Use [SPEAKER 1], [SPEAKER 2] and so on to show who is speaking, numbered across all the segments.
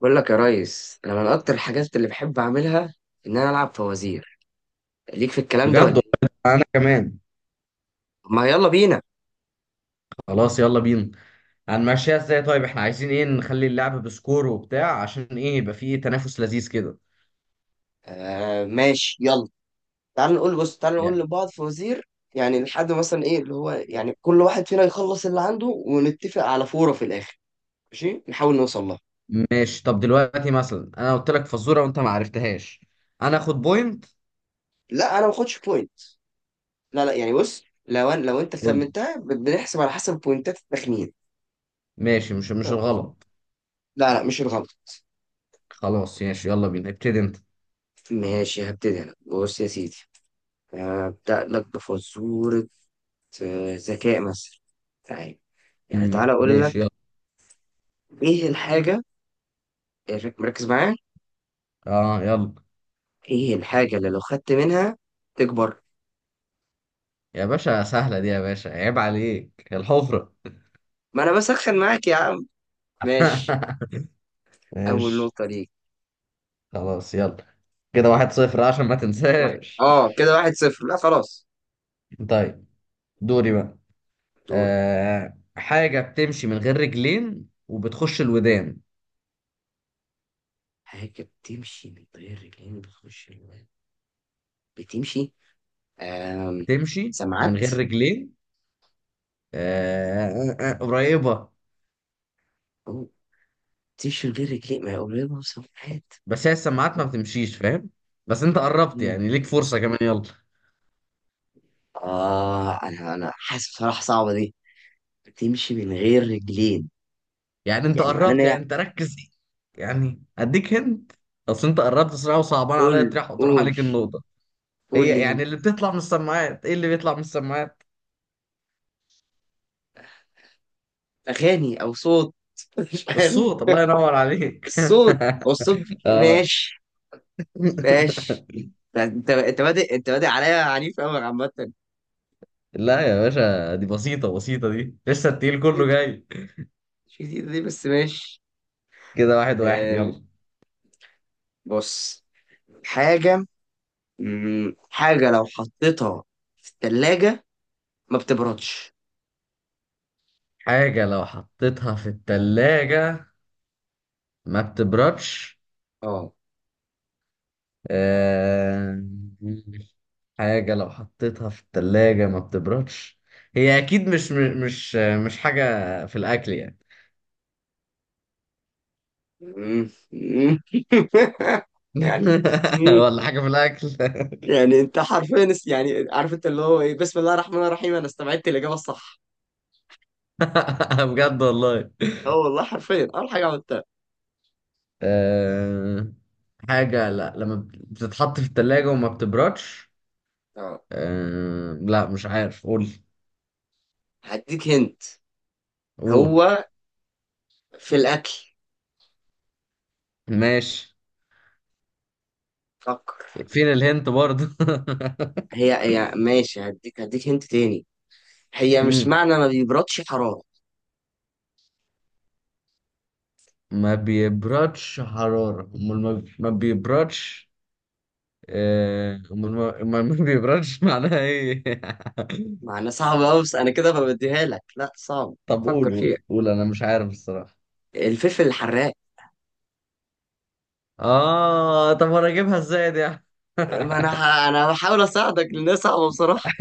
[SPEAKER 1] بقول لك يا ريس، انا من اكتر الحاجات اللي بحب اعملها ان انا العب فوازير. ليك في الكلام ده
[SPEAKER 2] بجد
[SPEAKER 1] ولا ايه؟
[SPEAKER 2] والله انا كمان.
[SPEAKER 1] طب ما يلا بينا.
[SPEAKER 2] خلاص يلا بينا. هنمشيها ازاي؟ طيب احنا عايزين ايه؟ نخلي اللعب بسكور وبتاع عشان ايه؟ يبقى فيه تنافس لذيذ كده
[SPEAKER 1] آه ماشي يلا. تعال نقول، بص تعال نقول
[SPEAKER 2] يعني.
[SPEAKER 1] لبعض فوازير. يعني لحد مثلا ايه اللي هو يعني كل واحد فينا يخلص اللي عنده ونتفق على فورة في الاخر. ماشي نحاول نوصل لها.
[SPEAKER 2] ماشي. طب دلوقتي مثلا انا قلت لك فزوره وانت ما عرفتهاش، انا اخد بوينت؟
[SPEAKER 1] لا انا ما باخدش بوينت. لا لا يعني بص، لو أنا لو انت
[SPEAKER 2] قول.
[SPEAKER 1] خمنتها بنحسب على حسب بوينتات التخمين.
[SPEAKER 2] ماشي. مش
[SPEAKER 1] فاهم قصدي؟
[SPEAKER 2] الغلط.
[SPEAKER 1] لا لا مش الغلط.
[SPEAKER 2] خلاص ماشي يلا بينا، ابتدي انت.
[SPEAKER 1] ماشي هبتدي انا، بص يا سيدي. هبدأ لك بفزورة في ذكاء مثلا. تعال، يعني تعال اقول
[SPEAKER 2] ماشي
[SPEAKER 1] لك.
[SPEAKER 2] يلا.
[SPEAKER 1] ايه الحاجه؟ مركز معايا.
[SPEAKER 2] اه يلا.
[SPEAKER 1] ايه الحاجه اللي لو خدت منها تكبر؟
[SPEAKER 2] يا باشا سهله دي يا باشا، عيب عليك الحفره.
[SPEAKER 1] ما انا بسخن معاك يا عم. ماشي. اول
[SPEAKER 2] ماشي.
[SPEAKER 1] نقطه ليك.
[SPEAKER 2] خلاص يلا، كده واحد صفر عشان ما
[SPEAKER 1] واحد،
[SPEAKER 2] تنساش.
[SPEAKER 1] اه كده واحد صفر، لا خلاص.
[SPEAKER 2] طيب، دوري بقى.
[SPEAKER 1] دور.
[SPEAKER 2] آه، حاجة بتمشي من غير رجلين وبتخش الودان.
[SPEAKER 1] حاجه بتمشي من غير رجلين بتخش الوان. بتمشي. آم.
[SPEAKER 2] بتمشي من
[SPEAKER 1] سمعت؟
[SPEAKER 2] غير رجلين. آه، آه، آه، قريبة.
[SPEAKER 1] أوه. بتمشي من غير رجلين، ما هي قريبه. سمعت؟
[SPEAKER 2] بس هي السماعات ما بتمشيش، فاهم؟ بس انت قربت
[SPEAKER 1] مم.
[SPEAKER 2] يعني، ليك فرصة كمان، يلا.
[SPEAKER 1] اه انا حاسس بصراحه صعبه دي. بتمشي من غير رجلين،
[SPEAKER 2] يعني انت
[SPEAKER 1] يعني معناه ان
[SPEAKER 2] قربت، يعني
[SPEAKER 1] هي.
[SPEAKER 2] انت ركز. يعني اديك هند. اصل انت قربت بسرعة وصعبان عليا
[SPEAKER 1] قول،
[SPEAKER 2] تروح
[SPEAKER 1] قول.
[SPEAKER 2] عليك النقطة.
[SPEAKER 1] قول
[SPEAKER 2] هي
[SPEAKER 1] لي هنا.
[SPEAKER 2] يعني اللي بتطلع من السماعات، ايه اللي بيطلع من السماعات؟
[SPEAKER 1] اغاني او صوت. مش عارف.
[SPEAKER 2] الصوت. الله ينور عليك.
[SPEAKER 1] الصوت، هو الصوت.
[SPEAKER 2] اه.
[SPEAKER 1] ماشي، ماشي. ده انت، انت بادئ عليا عنيف قوي عامة.
[SPEAKER 2] لا يا باشا، دي بسيطة بسيطة، دي لسه
[SPEAKER 1] مش
[SPEAKER 2] التقيل كله
[SPEAKER 1] جديدة دي.
[SPEAKER 2] جاي.
[SPEAKER 1] مش جديدة دي بس ماشي.
[SPEAKER 2] كده واحد واحد،
[SPEAKER 1] آم،
[SPEAKER 2] يلا.
[SPEAKER 1] بص. حاجة، مم، حاجة لو حطيتها في التلاجة ما بتبردش.
[SPEAKER 2] حاجة لو حطيتها في التلاجة ما بتبردش.
[SPEAKER 1] اه.
[SPEAKER 2] آه... حاجة لو حطيتها في التلاجة ما بتبردش. هي أكيد مش مش حاجة في الأكل، يعني.
[SPEAKER 1] مم، مم. يعني.
[SPEAKER 2] ولا حاجة في الأكل.
[SPEAKER 1] يعني انت حرفيا يعني عارف انت اللي هو ايه، بسم الله الرحمن الرحيم، انا استبعدت الاجابه الصح.
[SPEAKER 2] بجد والله.
[SPEAKER 1] اه والله حرفيا اول حاجه عملتها.
[SPEAKER 2] آه... حاجة لا لما بتتحط في التلاجة وما بتبردش.
[SPEAKER 1] اه
[SPEAKER 2] لا مش عارف، قول.
[SPEAKER 1] هديك هنت.
[SPEAKER 2] قول.
[SPEAKER 1] هو في الاكل.
[SPEAKER 2] ماشي.
[SPEAKER 1] فكر.
[SPEAKER 2] فين الهنت برضه؟
[SPEAKER 1] هي هي ماشي، هديك، هديك هنت تاني. هي مش
[SPEAKER 2] مم.
[SPEAKER 1] معنى ما بيبردش حراره.
[SPEAKER 2] ما بيبردش حرارة، امال ما بيبردش. آه، امال ما بيبردش معناها ايه؟
[SPEAKER 1] معنى صعب قوي بس انا كده ببديها لك، لا صعب.
[SPEAKER 2] طب
[SPEAKER 1] فكر
[SPEAKER 2] قول
[SPEAKER 1] فيها.
[SPEAKER 2] قول قول، انا مش عارف الصراحة.
[SPEAKER 1] الفلفل الحراق.
[SPEAKER 2] اه طب انا اجيبها ازاي دي يعني؟
[SPEAKER 1] ما انا انا بحاول اساعدك لان صعبه بصراحه.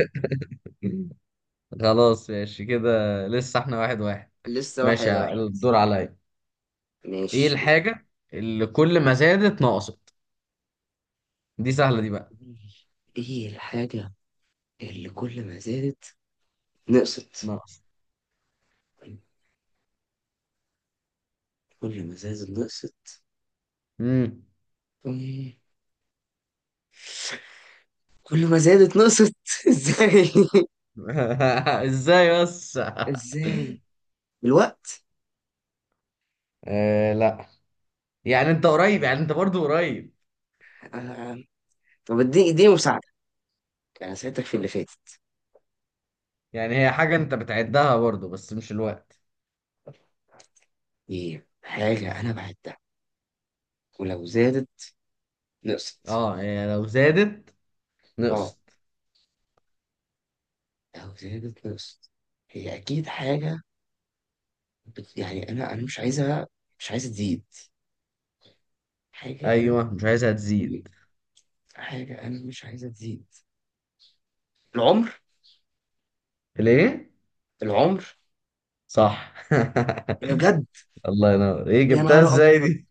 [SPEAKER 2] خلاص ماشي كده. لسه احنا واحد واحد.
[SPEAKER 1] لسه واحد
[SPEAKER 2] ماشي
[SPEAKER 1] واحد.
[SPEAKER 2] الدور عليا. ايه
[SPEAKER 1] ماشي.
[SPEAKER 2] الحاجة اللي كل ما زادت نقصت؟ دي سهلة دي بقى.
[SPEAKER 1] ايه الحاجه اللي كل ما زادت نقصت؟
[SPEAKER 2] نقص.
[SPEAKER 1] كل ما زادت نقصت.
[SPEAKER 2] امم.
[SPEAKER 1] أمم. كل ما زادت نقصت. ازاي؟
[SPEAKER 2] ازاي بس؟
[SPEAKER 1] ازاي؟ الوقت.
[SPEAKER 2] آه لا. يعني انت قريب، يعني انت برضو قريب.
[SPEAKER 1] آه. طب اديني، اديني مساعدة. انا ساعدتك في اللي فاتت.
[SPEAKER 2] يعني هي حاجة انت بتعدها برضو بس مش الوقت.
[SPEAKER 1] ايه حاجة انا بعدها ولو زادت نقصت؟
[SPEAKER 2] اه، هي لو زادت
[SPEAKER 1] اه
[SPEAKER 2] نقصت.
[SPEAKER 1] لو زادت نقصت، هي اكيد حاجة يعني انا مش عايزها، مش عايزة تزيد. حاجة انا،
[SPEAKER 2] ايوه مش عايزها تزيد.
[SPEAKER 1] حاجة انا مش عايزة تزيد. العمر،
[SPEAKER 2] ليه؟
[SPEAKER 1] العمر.
[SPEAKER 2] صح.
[SPEAKER 1] يا بجد.
[SPEAKER 2] الله ينور، ايه
[SPEAKER 1] يا
[SPEAKER 2] جبتها
[SPEAKER 1] نهار
[SPEAKER 2] ازاي
[SPEAKER 1] ابيض،
[SPEAKER 2] دي؟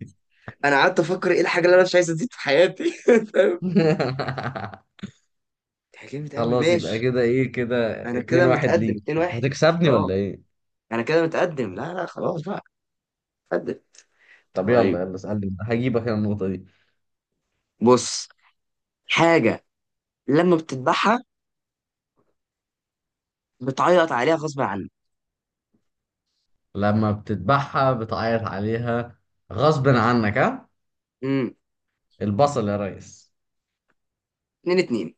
[SPEAKER 1] انا قعدت افكر ايه الحاجه اللي انا مش عايز ازيد في حياتي. فاهم. اتحجمت قوي
[SPEAKER 2] خلاص يبقى
[SPEAKER 1] ماشي.
[SPEAKER 2] كده ايه، كده
[SPEAKER 1] انا
[SPEAKER 2] اتنين
[SPEAKER 1] كده
[SPEAKER 2] واحد
[SPEAKER 1] متقدم
[SPEAKER 2] ليك،
[SPEAKER 1] 2 1.
[SPEAKER 2] هتكسبني
[SPEAKER 1] اه
[SPEAKER 2] ولا ايه؟
[SPEAKER 1] انا كده متقدم، لا لا خلاص بقى. متقدم.
[SPEAKER 2] طب
[SPEAKER 1] طيب.
[SPEAKER 2] يلا يلا اسألني، هجيبك انا النقطة دي.
[SPEAKER 1] بص، حاجه لما بتذبحها بتعيط عليها غصب عنك.
[SPEAKER 2] لما بتذبحها بتعيط عليها غصب عنك، ها؟
[SPEAKER 1] امم.
[SPEAKER 2] البصل يا ريس.
[SPEAKER 1] 2 2.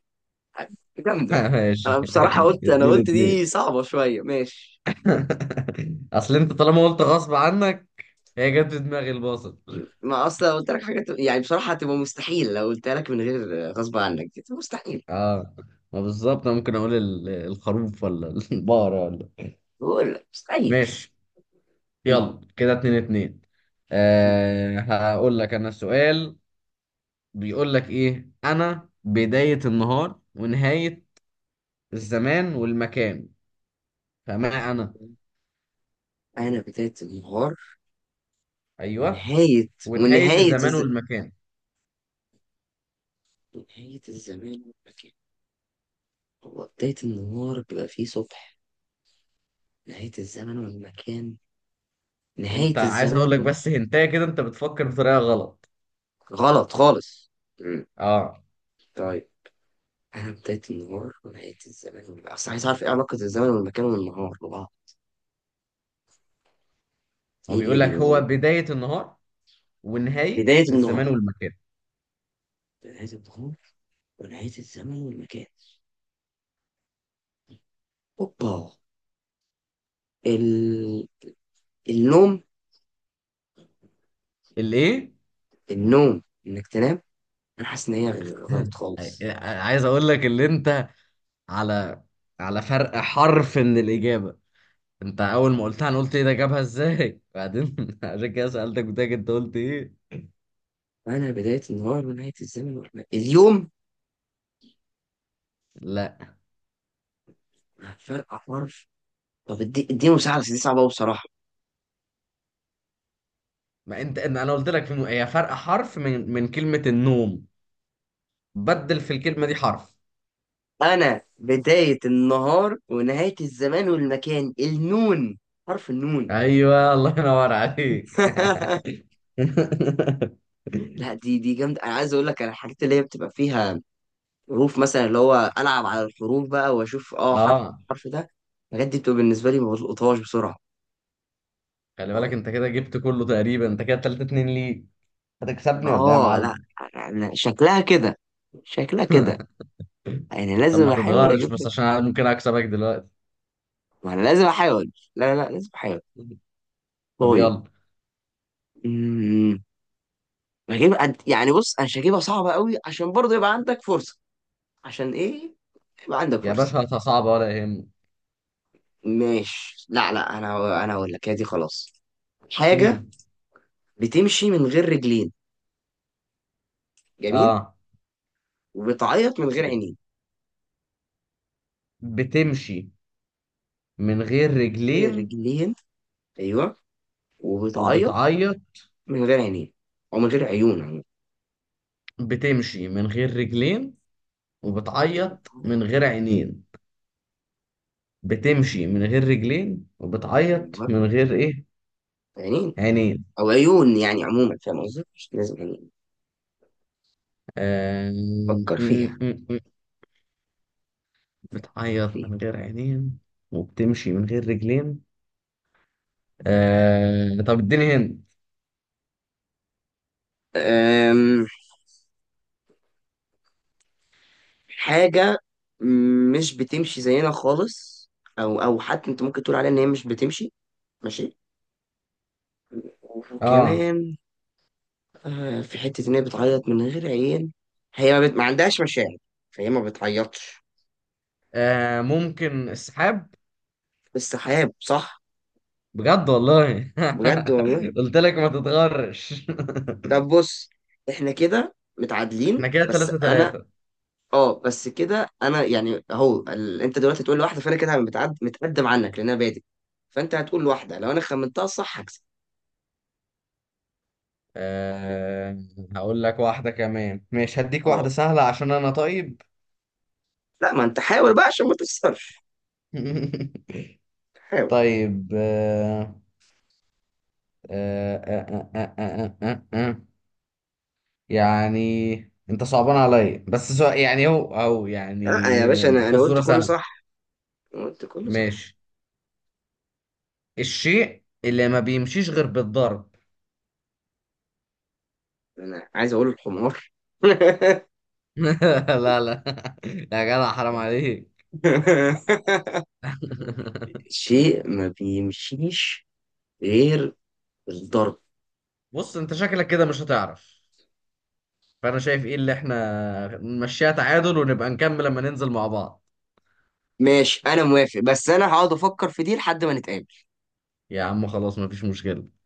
[SPEAKER 1] جامده. انا
[SPEAKER 2] ماشي
[SPEAKER 1] بصراحه قلت، انا
[SPEAKER 2] اتنين
[SPEAKER 1] قلت
[SPEAKER 2] اتنين.
[SPEAKER 1] دي صعبه شويه، ماشي.
[SPEAKER 2] اصل انت طالما قلت غصب عنك، هي جت في دماغي البصل.
[SPEAKER 1] ما اصلا قلت لك يعني بصراحه هتبقى مستحيل لو قلتها لك من غير غصب عنك، دي مستحيل.
[SPEAKER 2] اه ما بالظبط انا ممكن اقول الخروف ولا البقرة ولا.
[SPEAKER 1] بقول لك مستحيل.
[SPEAKER 2] ماشي
[SPEAKER 1] مم.
[SPEAKER 2] يلا، كده اتنين اتنين. أه هقول لك انا سؤال. بيقول لك ايه، انا بداية النهار ونهاية الزمان والمكان؟ فما انا.
[SPEAKER 1] انا بدايه النهار
[SPEAKER 2] ايوه
[SPEAKER 1] ونهاية،
[SPEAKER 2] ونهاية
[SPEAKER 1] ونهاية
[SPEAKER 2] الزمان والمكان.
[SPEAKER 1] ونهاية الزمان والمكان. هو بداية النهار بيبقى فيه صبح. نهاية الزمن والمكان. نهاية
[SPEAKER 2] انت عايز اقول
[SPEAKER 1] الزمان
[SPEAKER 2] لك بس هنتايه كده، انت بتفكر بطريقه غلط.
[SPEAKER 1] غلط خالص. مم.
[SPEAKER 2] اه
[SPEAKER 1] طيب. أنا بداية النهار ونهاية الزمان والمكان، أصل عايز أعرف إيه علاقة الزمن والمكان والنهار ببعض.
[SPEAKER 2] هو
[SPEAKER 1] إيه اللي
[SPEAKER 2] بيقول لك
[SPEAKER 1] بيبقى
[SPEAKER 2] هو
[SPEAKER 1] موجود؟
[SPEAKER 2] بدايه النهار ونهايه
[SPEAKER 1] بداية
[SPEAKER 2] الزمان
[SPEAKER 1] النهار،
[SPEAKER 2] والمكان.
[SPEAKER 1] بداية النهار ونهاية الزمن والمكان. أوبا. ال... النوم.
[SPEAKER 2] الايه؟
[SPEAKER 1] النوم إنك تنام. أنا حاسس إن هي غلط خالص.
[SPEAKER 2] عايز اقول لك اللي انت، على على فرق حرف من الاجابه. انت اول ما قلتها انا قلت ايه ده جابها ازاي بعدين، عشان كده سالتك بتاعك انت قلت ايه.
[SPEAKER 1] انا بدايه النهار ونهايه الزمن اليوم.
[SPEAKER 2] لا
[SPEAKER 1] فرق حرف. طب اديني مساحه بس دي صعبه أوي بصراحه.
[SPEAKER 2] ما انت انا قلت لك في هي فرق حرف من كلمه النوم. بدل في الكلمه دي حرف.
[SPEAKER 1] انا بدايه النهار ونهايه الزمان والمكان، النون. حرف النون.
[SPEAKER 2] ايوه الله ينور عليك.
[SPEAKER 1] لا دي، دي جامده. انا عايز اقول لك على الحاجات اللي هي بتبقى فيها حروف، مثلا اللي هو العب على الحروف بقى واشوف اه حرف،
[SPEAKER 2] اه.
[SPEAKER 1] الحرف ده. الحاجات دي بتبقى بالنسبه لي ما بلقطهاش بسرعه.
[SPEAKER 2] خلي بالك
[SPEAKER 1] طيب.
[SPEAKER 2] انت كده جبت كله تقريبا، انت كده 3-2 ليك، هتكسبني ولا ايه يا
[SPEAKER 1] اه لا،
[SPEAKER 2] معلم؟
[SPEAKER 1] شكلها كده، شكلها كده، يعني
[SPEAKER 2] طب
[SPEAKER 1] لازم
[SPEAKER 2] ما
[SPEAKER 1] احاول
[SPEAKER 2] تتغرش بس
[SPEAKER 1] اجيبها.
[SPEAKER 2] عشان انا ممكن اكسبك دلوقتي.
[SPEAKER 1] ما انا لازم احاول، لا لا لا، لازم احاول.
[SPEAKER 2] طب
[SPEAKER 1] طيب.
[SPEAKER 2] يلا.
[SPEAKER 1] امم. يعني بص انا مش هجيبها صعبة قوي عشان برضه يبقى عندك فرصة. عشان ايه؟ يبقى عندك
[SPEAKER 2] يا
[SPEAKER 1] فرصة.
[SPEAKER 2] باشا هاتها صعبة ولا يهمك.
[SPEAKER 1] ماشي لا لا، انا هقول لك، هي دي خلاص. حاجة
[SPEAKER 2] امم
[SPEAKER 1] بتمشي من غير رجلين، جميل،
[SPEAKER 2] اه.
[SPEAKER 1] وبتعيط من غير عينين.
[SPEAKER 2] بتمشي من غير
[SPEAKER 1] من غير
[SPEAKER 2] رجلين
[SPEAKER 1] رجلين، ايوه. وبتعيط
[SPEAKER 2] وبتعيط.
[SPEAKER 1] من غير عينين، او من غير عيون عموما.
[SPEAKER 2] بتمشي من غير رجلين وبتعيط
[SPEAKER 1] وبتعيط
[SPEAKER 2] من
[SPEAKER 1] من
[SPEAKER 2] غير
[SPEAKER 1] غير عينين.
[SPEAKER 2] عينين. بتمشي من غير رجلين وبتعيط
[SPEAKER 1] ايوه
[SPEAKER 2] من غير ايه؟
[SPEAKER 1] عينين،
[SPEAKER 2] عينين.
[SPEAKER 1] او عيون يعني، عموما فاهم قصدي مش لازم يعني.
[SPEAKER 2] آه...
[SPEAKER 1] فكر فيها.
[SPEAKER 2] بتعيط من غير عينين وبتمشي من غير رجلين. آه طب اديني هند.
[SPEAKER 1] أم، حاجة مش بتمشي زينا خالص، أو أو حتى أنت ممكن تقول عليها إن هي مش بتمشي. ماشي.
[SPEAKER 2] اه،
[SPEAKER 1] وكمان آه، في حتة إن هي بتعيط من غير عين. هي ما, بت... ما عندهاش مشاعر فهي ما بتعيطش.
[SPEAKER 2] آه ممكن السحاب؟
[SPEAKER 1] السحاب، صح.
[SPEAKER 2] بجد والله.
[SPEAKER 1] بجد والله.
[SPEAKER 2] قلت لك ما تتغرش.
[SPEAKER 1] طب بص، إحنا كده متعادلين
[SPEAKER 2] احنا كده
[SPEAKER 1] بس
[SPEAKER 2] تلاتة
[SPEAKER 1] أنا.
[SPEAKER 2] تلاتة.
[SPEAKER 1] أه بس كده أنا يعني أهو أنت دلوقتي تقول لواحدة فأنا كده متقدم عنك لأن أنا بادئ. فأنت هتقول لواحدة، لو أنا خمنتها صح هكسب.
[SPEAKER 2] آه هقول لك واحدة كمان، مش هديك واحدة
[SPEAKER 1] أه.
[SPEAKER 2] سهلة عشان انا طيب.
[SPEAKER 1] لا ما انت حاول بقى عشان ما تخسرش. حاول.
[SPEAKER 2] طيب. آه آه آه آه آه آه آه. يعني انت صعبان عليا، بس سؤال يعني هو او يعني
[SPEAKER 1] لا يا باشا انا قلت
[SPEAKER 2] فزوره
[SPEAKER 1] كله
[SPEAKER 2] سهله.
[SPEAKER 1] صح. أنا قلت كله صح.
[SPEAKER 2] ماشي. الشيء اللي ما بيمشيش غير بالضرب.
[SPEAKER 1] انا عايز اقول الحمار.
[SPEAKER 2] لا لا يا جدع حرام عليك.
[SPEAKER 1] شيء ما بيمشيش غير الضرب.
[SPEAKER 2] بص انت شكلك كده مش هتعرف، فانا شايف ايه اللي احنا نمشيها تعادل ونبقى نكمل لما ننزل مع بعض.
[SPEAKER 1] ماشي انا موافق، بس انا هقعد افكر في دي لحد ما نتقابل.
[SPEAKER 2] يا عم خلاص مفيش مشكله.